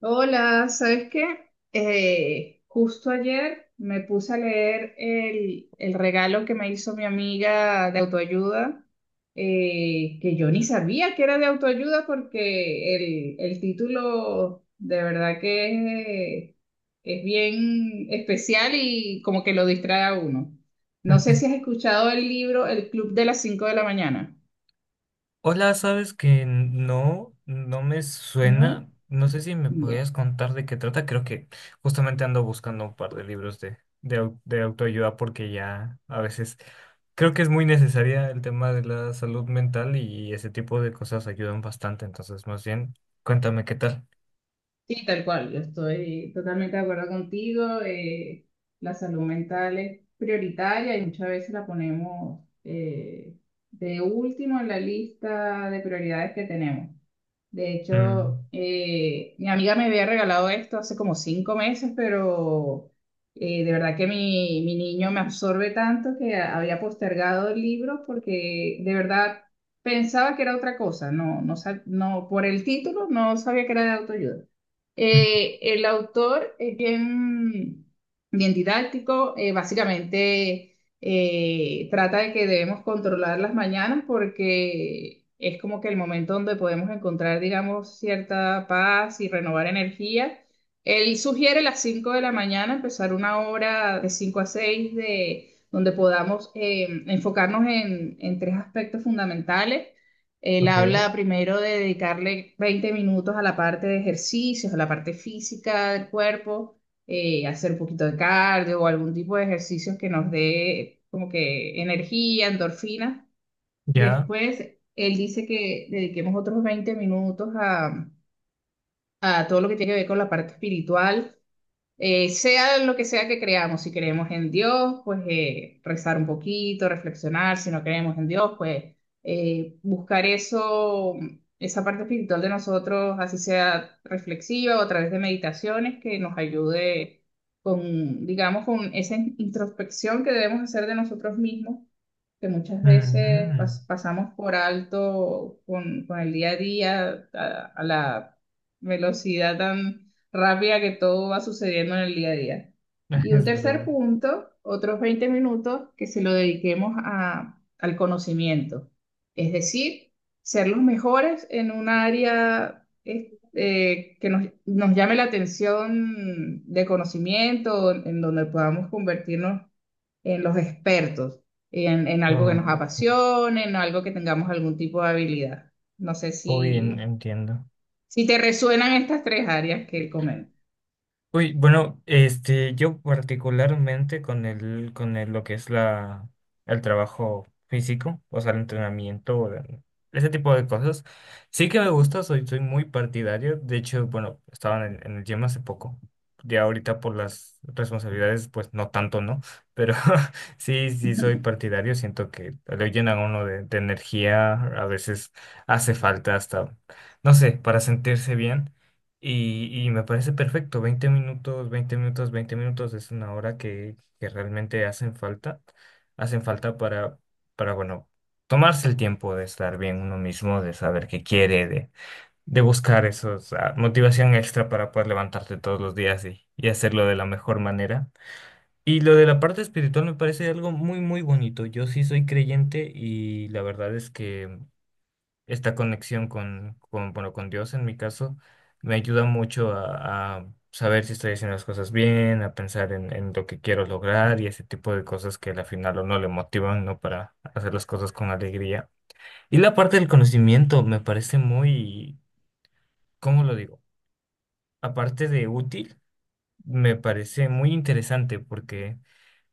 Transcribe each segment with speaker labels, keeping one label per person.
Speaker 1: Hola, ¿sabes qué? Justo ayer me puse a leer el regalo que me hizo mi amiga de autoayuda, que yo ni sabía que era de autoayuda porque el título de verdad que es bien especial y como que lo distrae a uno. No sé si has escuchado el libro El Club de las cinco de la mañana,
Speaker 2: Hola, sabes que no, no me
Speaker 1: ¿no?
Speaker 2: suena. No sé si me podrías
Speaker 1: Bueno,
Speaker 2: contar de qué trata. Creo que justamente ando buscando un par de libros de autoayuda porque ya a veces creo que es muy necesaria el tema de la salud mental y ese tipo de cosas ayudan bastante. Entonces, más bien, cuéntame qué tal.
Speaker 1: sí, tal cual, yo estoy totalmente de acuerdo contigo. La salud mental es prioritaria y muchas veces la ponemos, de último en la lista de prioridades que tenemos. De hecho,
Speaker 2: Mm,
Speaker 1: mi amiga me había regalado esto hace como 5 meses, pero de verdad que mi niño me absorbe tanto que había postergado el libro porque de verdad pensaba que era otra cosa. No, no, no, por el título no sabía que era de autoayuda. El autor es bien, bien didáctico. Básicamente trata de que debemos controlar las mañanas porque es como que el momento donde podemos encontrar, digamos, cierta paz y renovar energía. Él sugiere las 5 de la mañana empezar una hora de 5 a 6 donde podamos, enfocarnos en tres aspectos fundamentales. Él
Speaker 2: ok,
Speaker 1: habla primero de dedicarle 20 minutos a la parte de ejercicios, a la parte física del cuerpo, hacer un poquito de cardio o algún tipo de ejercicios que nos dé como que energía, endorfina.
Speaker 2: ya.
Speaker 1: Después, él dice que dediquemos otros 20 minutos a todo lo que tiene que ver con la parte espiritual. Sea lo que sea que creamos, si creemos en Dios, pues rezar un poquito, reflexionar; si no creemos en Dios, pues buscar eso, esa parte espiritual de nosotros, así sea reflexiva o a través de meditaciones que nos ayude con, digamos, con esa introspección que debemos hacer de nosotros mismos, que muchas veces
Speaker 2: Ujú,
Speaker 1: pasamos por alto con el día a día, a la velocidad tan rápida que todo va sucediendo en el día a día. Y un
Speaker 2: es
Speaker 1: tercer
Speaker 2: verdad.
Speaker 1: punto, otros 20 minutos que se lo dediquemos a, al conocimiento, es decir, ser los mejores en un área que nos, nos llame la atención de conocimiento, en donde podamos convertirnos en los expertos, en algo que nos
Speaker 2: Oh,
Speaker 1: apasione, en algo que tengamos algún tipo de habilidad. No sé si,
Speaker 2: entiendo.
Speaker 1: si te resuenan estas tres áreas que él comenta.
Speaker 2: Uy, bueno, este, yo particularmente lo que es el trabajo físico, o sea, el entrenamiento, ese tipo de cosas, sí que me gusta, soy muy partidario. De hecho, bueno, estaba en el gym hace poco. Ya ahorita por las responsabilidades, pues no tanto, ¿no? Pero sí, sí soy partidario. Siento que le llenan a uno de energía. A veces hace falta hasta, no sé, para sentirse bien. Y me parece perfecto, 20 minutos, 20 minutos, 20 minutos es una hora que realmente hacen falta para, bueno, tomarse el tiempo de estar bien uno mismo, de saber qué quiere, de buscar esos, motivación extra para poder levantarte todos los días y hacerlo de la mejor manera. Y lo de la parte espiritual me parece algo muy, muy bonito. Yo sí soy creyente y la verdad es que esta conexión con, bueno, con Dios en mi caso, me ayuda mucho a saber si estoy haciendo las cosas bien, a pensar en lo que quiero lograr y ese tipo de cosas que al final o no le motivan, ¿no? Para hacer las cosas con alegría. Y la parte del conocimiento me parece muy, ¿cómo lo digo? Aparte de útil, me parece muy interesante porque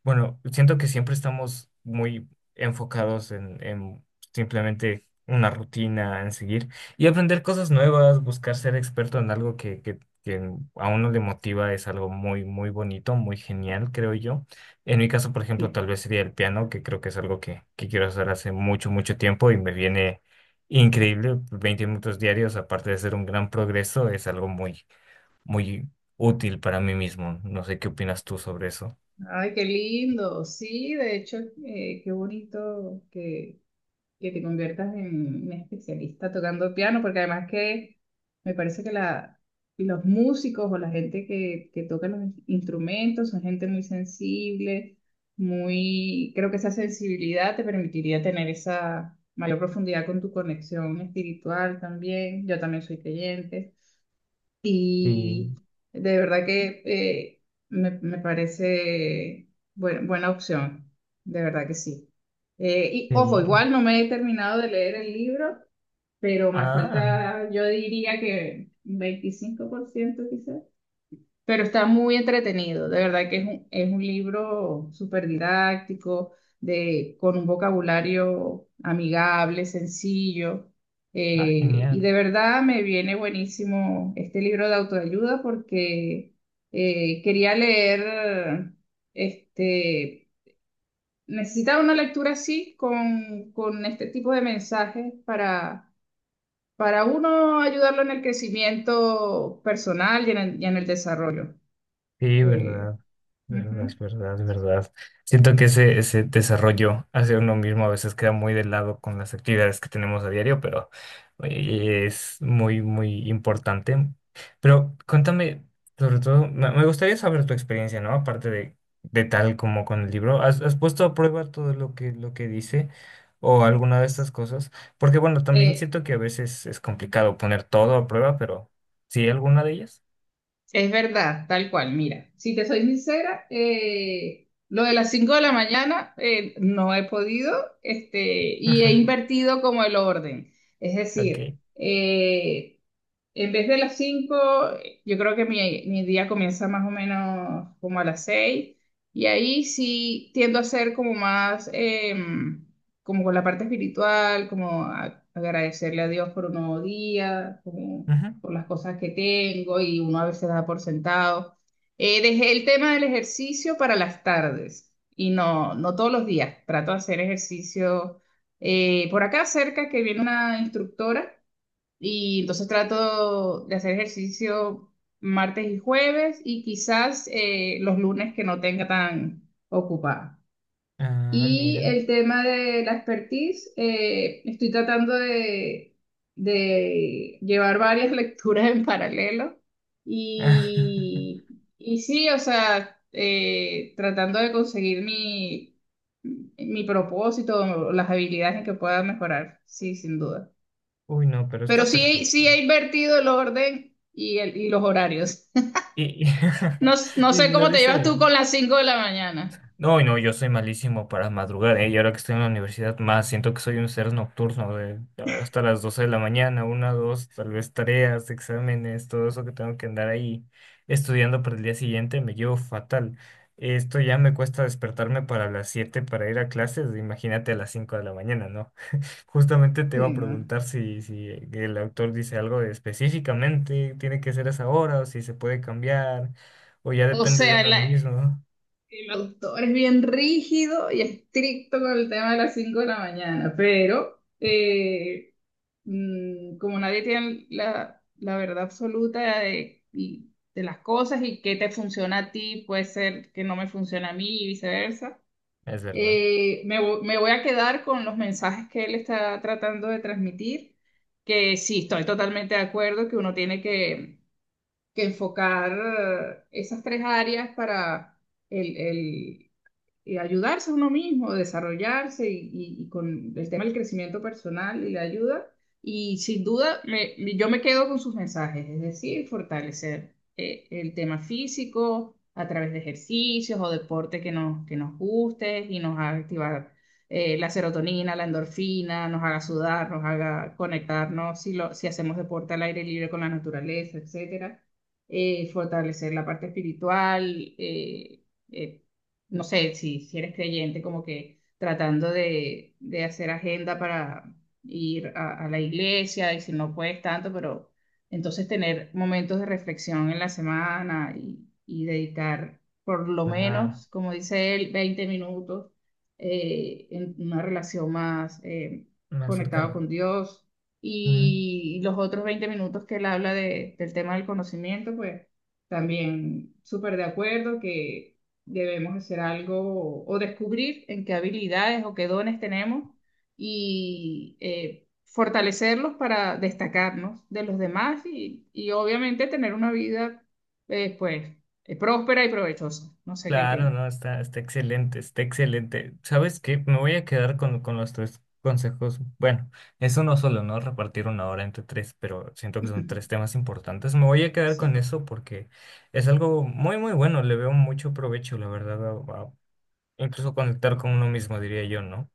Speaker 2: bueno, siento que siempre estamos muy enfocados en simplemente una rutina, en seguir y aprender cosas nuevas, buscar ser experto en algo que a uno le motiva, es algo muy, muy bonito, muy genial, creo yo. En mi caso, por ejemplo,
Speaker 1: Sí.
Speaker 2: tal vez sería el piano, que creo que es algo que quiero hacer hace mucho, mucho tiempo y me viene increíble. 20 minutos diarios, aparte de ser un gran progreso, es algo muy, muy útil para mí mismo. No sé qué opinas tú sobre eso.
Speaker 1: Ay, qué lindo. Sí, de hecho, qué bonito que te conviertas en un especialista tocando piano, porque además que me parece que los músicos o la gente que toca los instrumentos son gente muy sensible, creo que esa sensibilidad te permitiría tener esa mayor profundidad con tu conexión espiritual también. Yo también soy creyente.
Speaker 2: Sí.
Speaker 1: Y de verdad que, me parece buena, buena opción, de verdad que sí. Y
Speaker 2: Sí.
Speaker 1: ojo, igual no me he terminado de leer el libro, pero me
Speaker 2: Ah,
Speaker 1: falta, yo diría que un 25% quizás. Pero está muy entretenido, de verdad que es un libro súper didáctico, con un vocabulario amigable, sencillo. Y
Speaker 2: genial.
Speaker 1: de verdad me viene buenísimo este libro de autoayuda porque, quería leer, este, necesitaba una lectura así, con este tipo de mensajes para uno ayudarlo en el crecimiento personal y en el desarrollo.
Speaker 2: Sí,
Speaker 1: Eh,
Speaker 2: verdad, verdad,
Speaker 1: Ujú.
Speaker 2: verdad, verdad. Siento que ese desarrollo hacia uno mismo a veces queda muy de lado con las actividades que tenemos a diario, pero oye, es muy, muy importante. Pero cuéntame, sobre todo, me gustaría saber tu experiencia, ¿no? Aparte de tal como con el libro, ¿has puesto a prueba todo lo que dice o alguna de estas cosas? Porque bueno, también
Speaker 1: Eh,
Speaker 2: siento que a veces es complicado poner todo a prueba, pero sí, alguna de ellas.
Speaker 1: es verdad, tal cual. Mira, si te soy sincera, lo de las 5 de la mañana, no he podido, y he invertido como el orden. Es
Speaker 2: Ok.
Speaker 1: decir, en vez de las 5, yo creo que mi día comienza más o menos como a las 6 y ahí sí tiendo a ser como más, como con la parte espiritual, como agradecerle a Dios por un nuevo día, como
Speaker 2: Ujú.
Speaker 1: por las cosas que tengo y uno a veces da por sentado. Dejé el tema del ejercicio para las tardes y no todos los días, trato de hacer ejercicio, por acá cerca que viene una instructora y entonces trato de hacer ejercicio martes y jueves y quizás, los lunes que no tenga tan ocupada.
Speaker 2: Ah,
Speaker 1: Y
Speaker 2: mira.
Speaker 1: el tema de la expertise, estoy tratando de llevar varias lecturas en paralelo. Y, y sí, o sea, tratando de conseguir mi, mi propósito, las habilidades en que pueda mejorar, sí, sin duda.
Speaker 2: Uy, no, pero
Speaker 1: Pero
Speaker 2: está
Speaker 1: sí,
Speaker 2: perfecto.
Speaker 1: sí he invertido el orden y los horarios.
Speaker 2: Y, y,
Speaker 1: No, no
Speaker 2: y
Speaker 1: sé
Speaker 2: no
Speaker 1: cómo te llevas
Speaker 2: dice.
Speaker 1: tú con las 5 de la mañana.
Speaker 2: No, no, yo soy malísimo para madrugar, ¿eh? Y ahora que estoy en la universidad, más siento que soy un ser nocturno, de ah, hasta las 12 de la mañana, una, dos, tal vez tareas, exámenes, todo eso que tengo que andar ahí estudiando para el día siguiente, me llevo fatal. Esto ya me cuesta despertarme para las 7 para ir a clases, imagínate a las 5 de la mañana, ¿no? Justamente te iba
Speaker 1: Sí,
Speaker 2: a
Speaker 1: ¿no?
Speaker 2: preguntar si, si el autor dice algo de específicamente, tiene que ser esa hora, o si se puede cambiar, o ya
Speaker 1: O
Speaker 2: depende de
Speaker 1: sea,
Speaker 2: uno mismo, ¿no?
Speaker 1: el autor es bien rígido y estricto con el tema de las 5 de la mañana, pero, como nadie tiene la verdad absoluta de las cosas y qué te funciona a ti, puede ser que no me funcione a mí y viceversa.
Speaker 2: Es verdad.
Speaker 1: Me voy a quedar con los mensajes que él está tratando de transmitir, que sí, estoy totalmente de acuerdo que uno tiene que enfocar, esas tres áreas para el, el- y ayudarse a uno mismo, desarrollarse y con el tema del crecimiento personal y la ayuda. Y sin duda, yo me quedo con sus mensajes, es decir, fortalecer, el tema físico a través de ejercicios o deporte que nos guste y nos haga activar, la serotonina, la endorfina, nos haga sudar, nos haga conectarnos si hacemos deporte al aire libre con la naturaleza, etcétera. Fortalecer la parte espiritual, eh, eh, no sé, si, si eres creyente, como que tratando de hacer agenda para ir a la iglesia y si no puedes tanto, pero entonces tener momentos de reflexión en la semana y dedicar por lo
Speaker 2: Claro,
Speaker 1: menos, como dice él, 20 minutos, en una relación más,
Speaker 2: más
Speaker 1: conectada
Speaker 2: cercano.
Speaker 1: con Dios.
Speaker 2: Ujú.
Speaker 1: Y los otros 20 minutos que él habla del tema del conocimiento, pues también súper de acuerdo que debemos hacer algo o descubrir en qué habilidades o qué dones tenemos y, fortalecerlos para destacarnos de los demás y obviamente tener una vida, pues, próspera y provechosa. No sé qué
Speaker 2: Claro,
Speaker 1: opinas.
Speaker 2: no, está excelente, está excelente. ¿Sabes qué? Me voy a quedar con los tres consejos. Bueno, es uno solo, ¿no? Repartir una hora entre tres, pero siento que son tres temas importantes. Me voy a quedar con
Speaker 1: Sí.
Speaker 2: eso porque es algo muy, muy bueno. Le veo mucho provecho, la verdad, incluso conectar con uno mismo, diría yo, ¿no?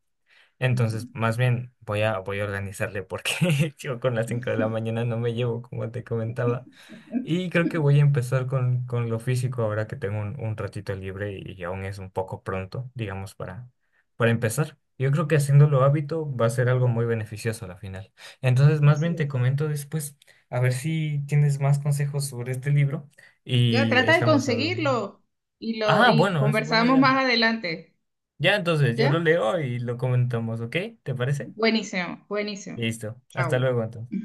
Speaker 1: Ujú.
Speaker 2: Entonces, más bien voy a organizarle porque yo con las 5 de la mañana no me llevo, como te comentaba. Y creo que voy a empezar con lo físico ahora que tengo un ratito libre y aún es un poco pronto, digamos, para empezar. Yo creo que haciéndolo hábito va a ser algo muy beneficioso a la final. Entonces, más bien
Speaker 1: Así
Speaker 2: te
Speaker 1: es.
Speaker 2: comento después, a ver si tienes más consejos sobre este libro
Speaker 1: Ya,
Speaker 2: y
Speaker 1: trata de
Speaker 2: estamos hablando.
Speaker 1: conseguirlo
Speaker 2: Ah,
Speaker 1: y
Speaker 2: bueno, es una buena
Speaker 1: conversamos
Speaker 2: idea.
Speaker 1: más adelante.
Speaker 2: Ya entonces yo lo
Speaker 1: ¿Ya?
Speaker 2: leo y lo comentamos, ¿ok? ¿Te parece?
Speaker 1: Buenísimo, buenísimo.
Speaker 2: Listo. Hasta
Speaker 1: Chao.
Speaker 2: luego entonces.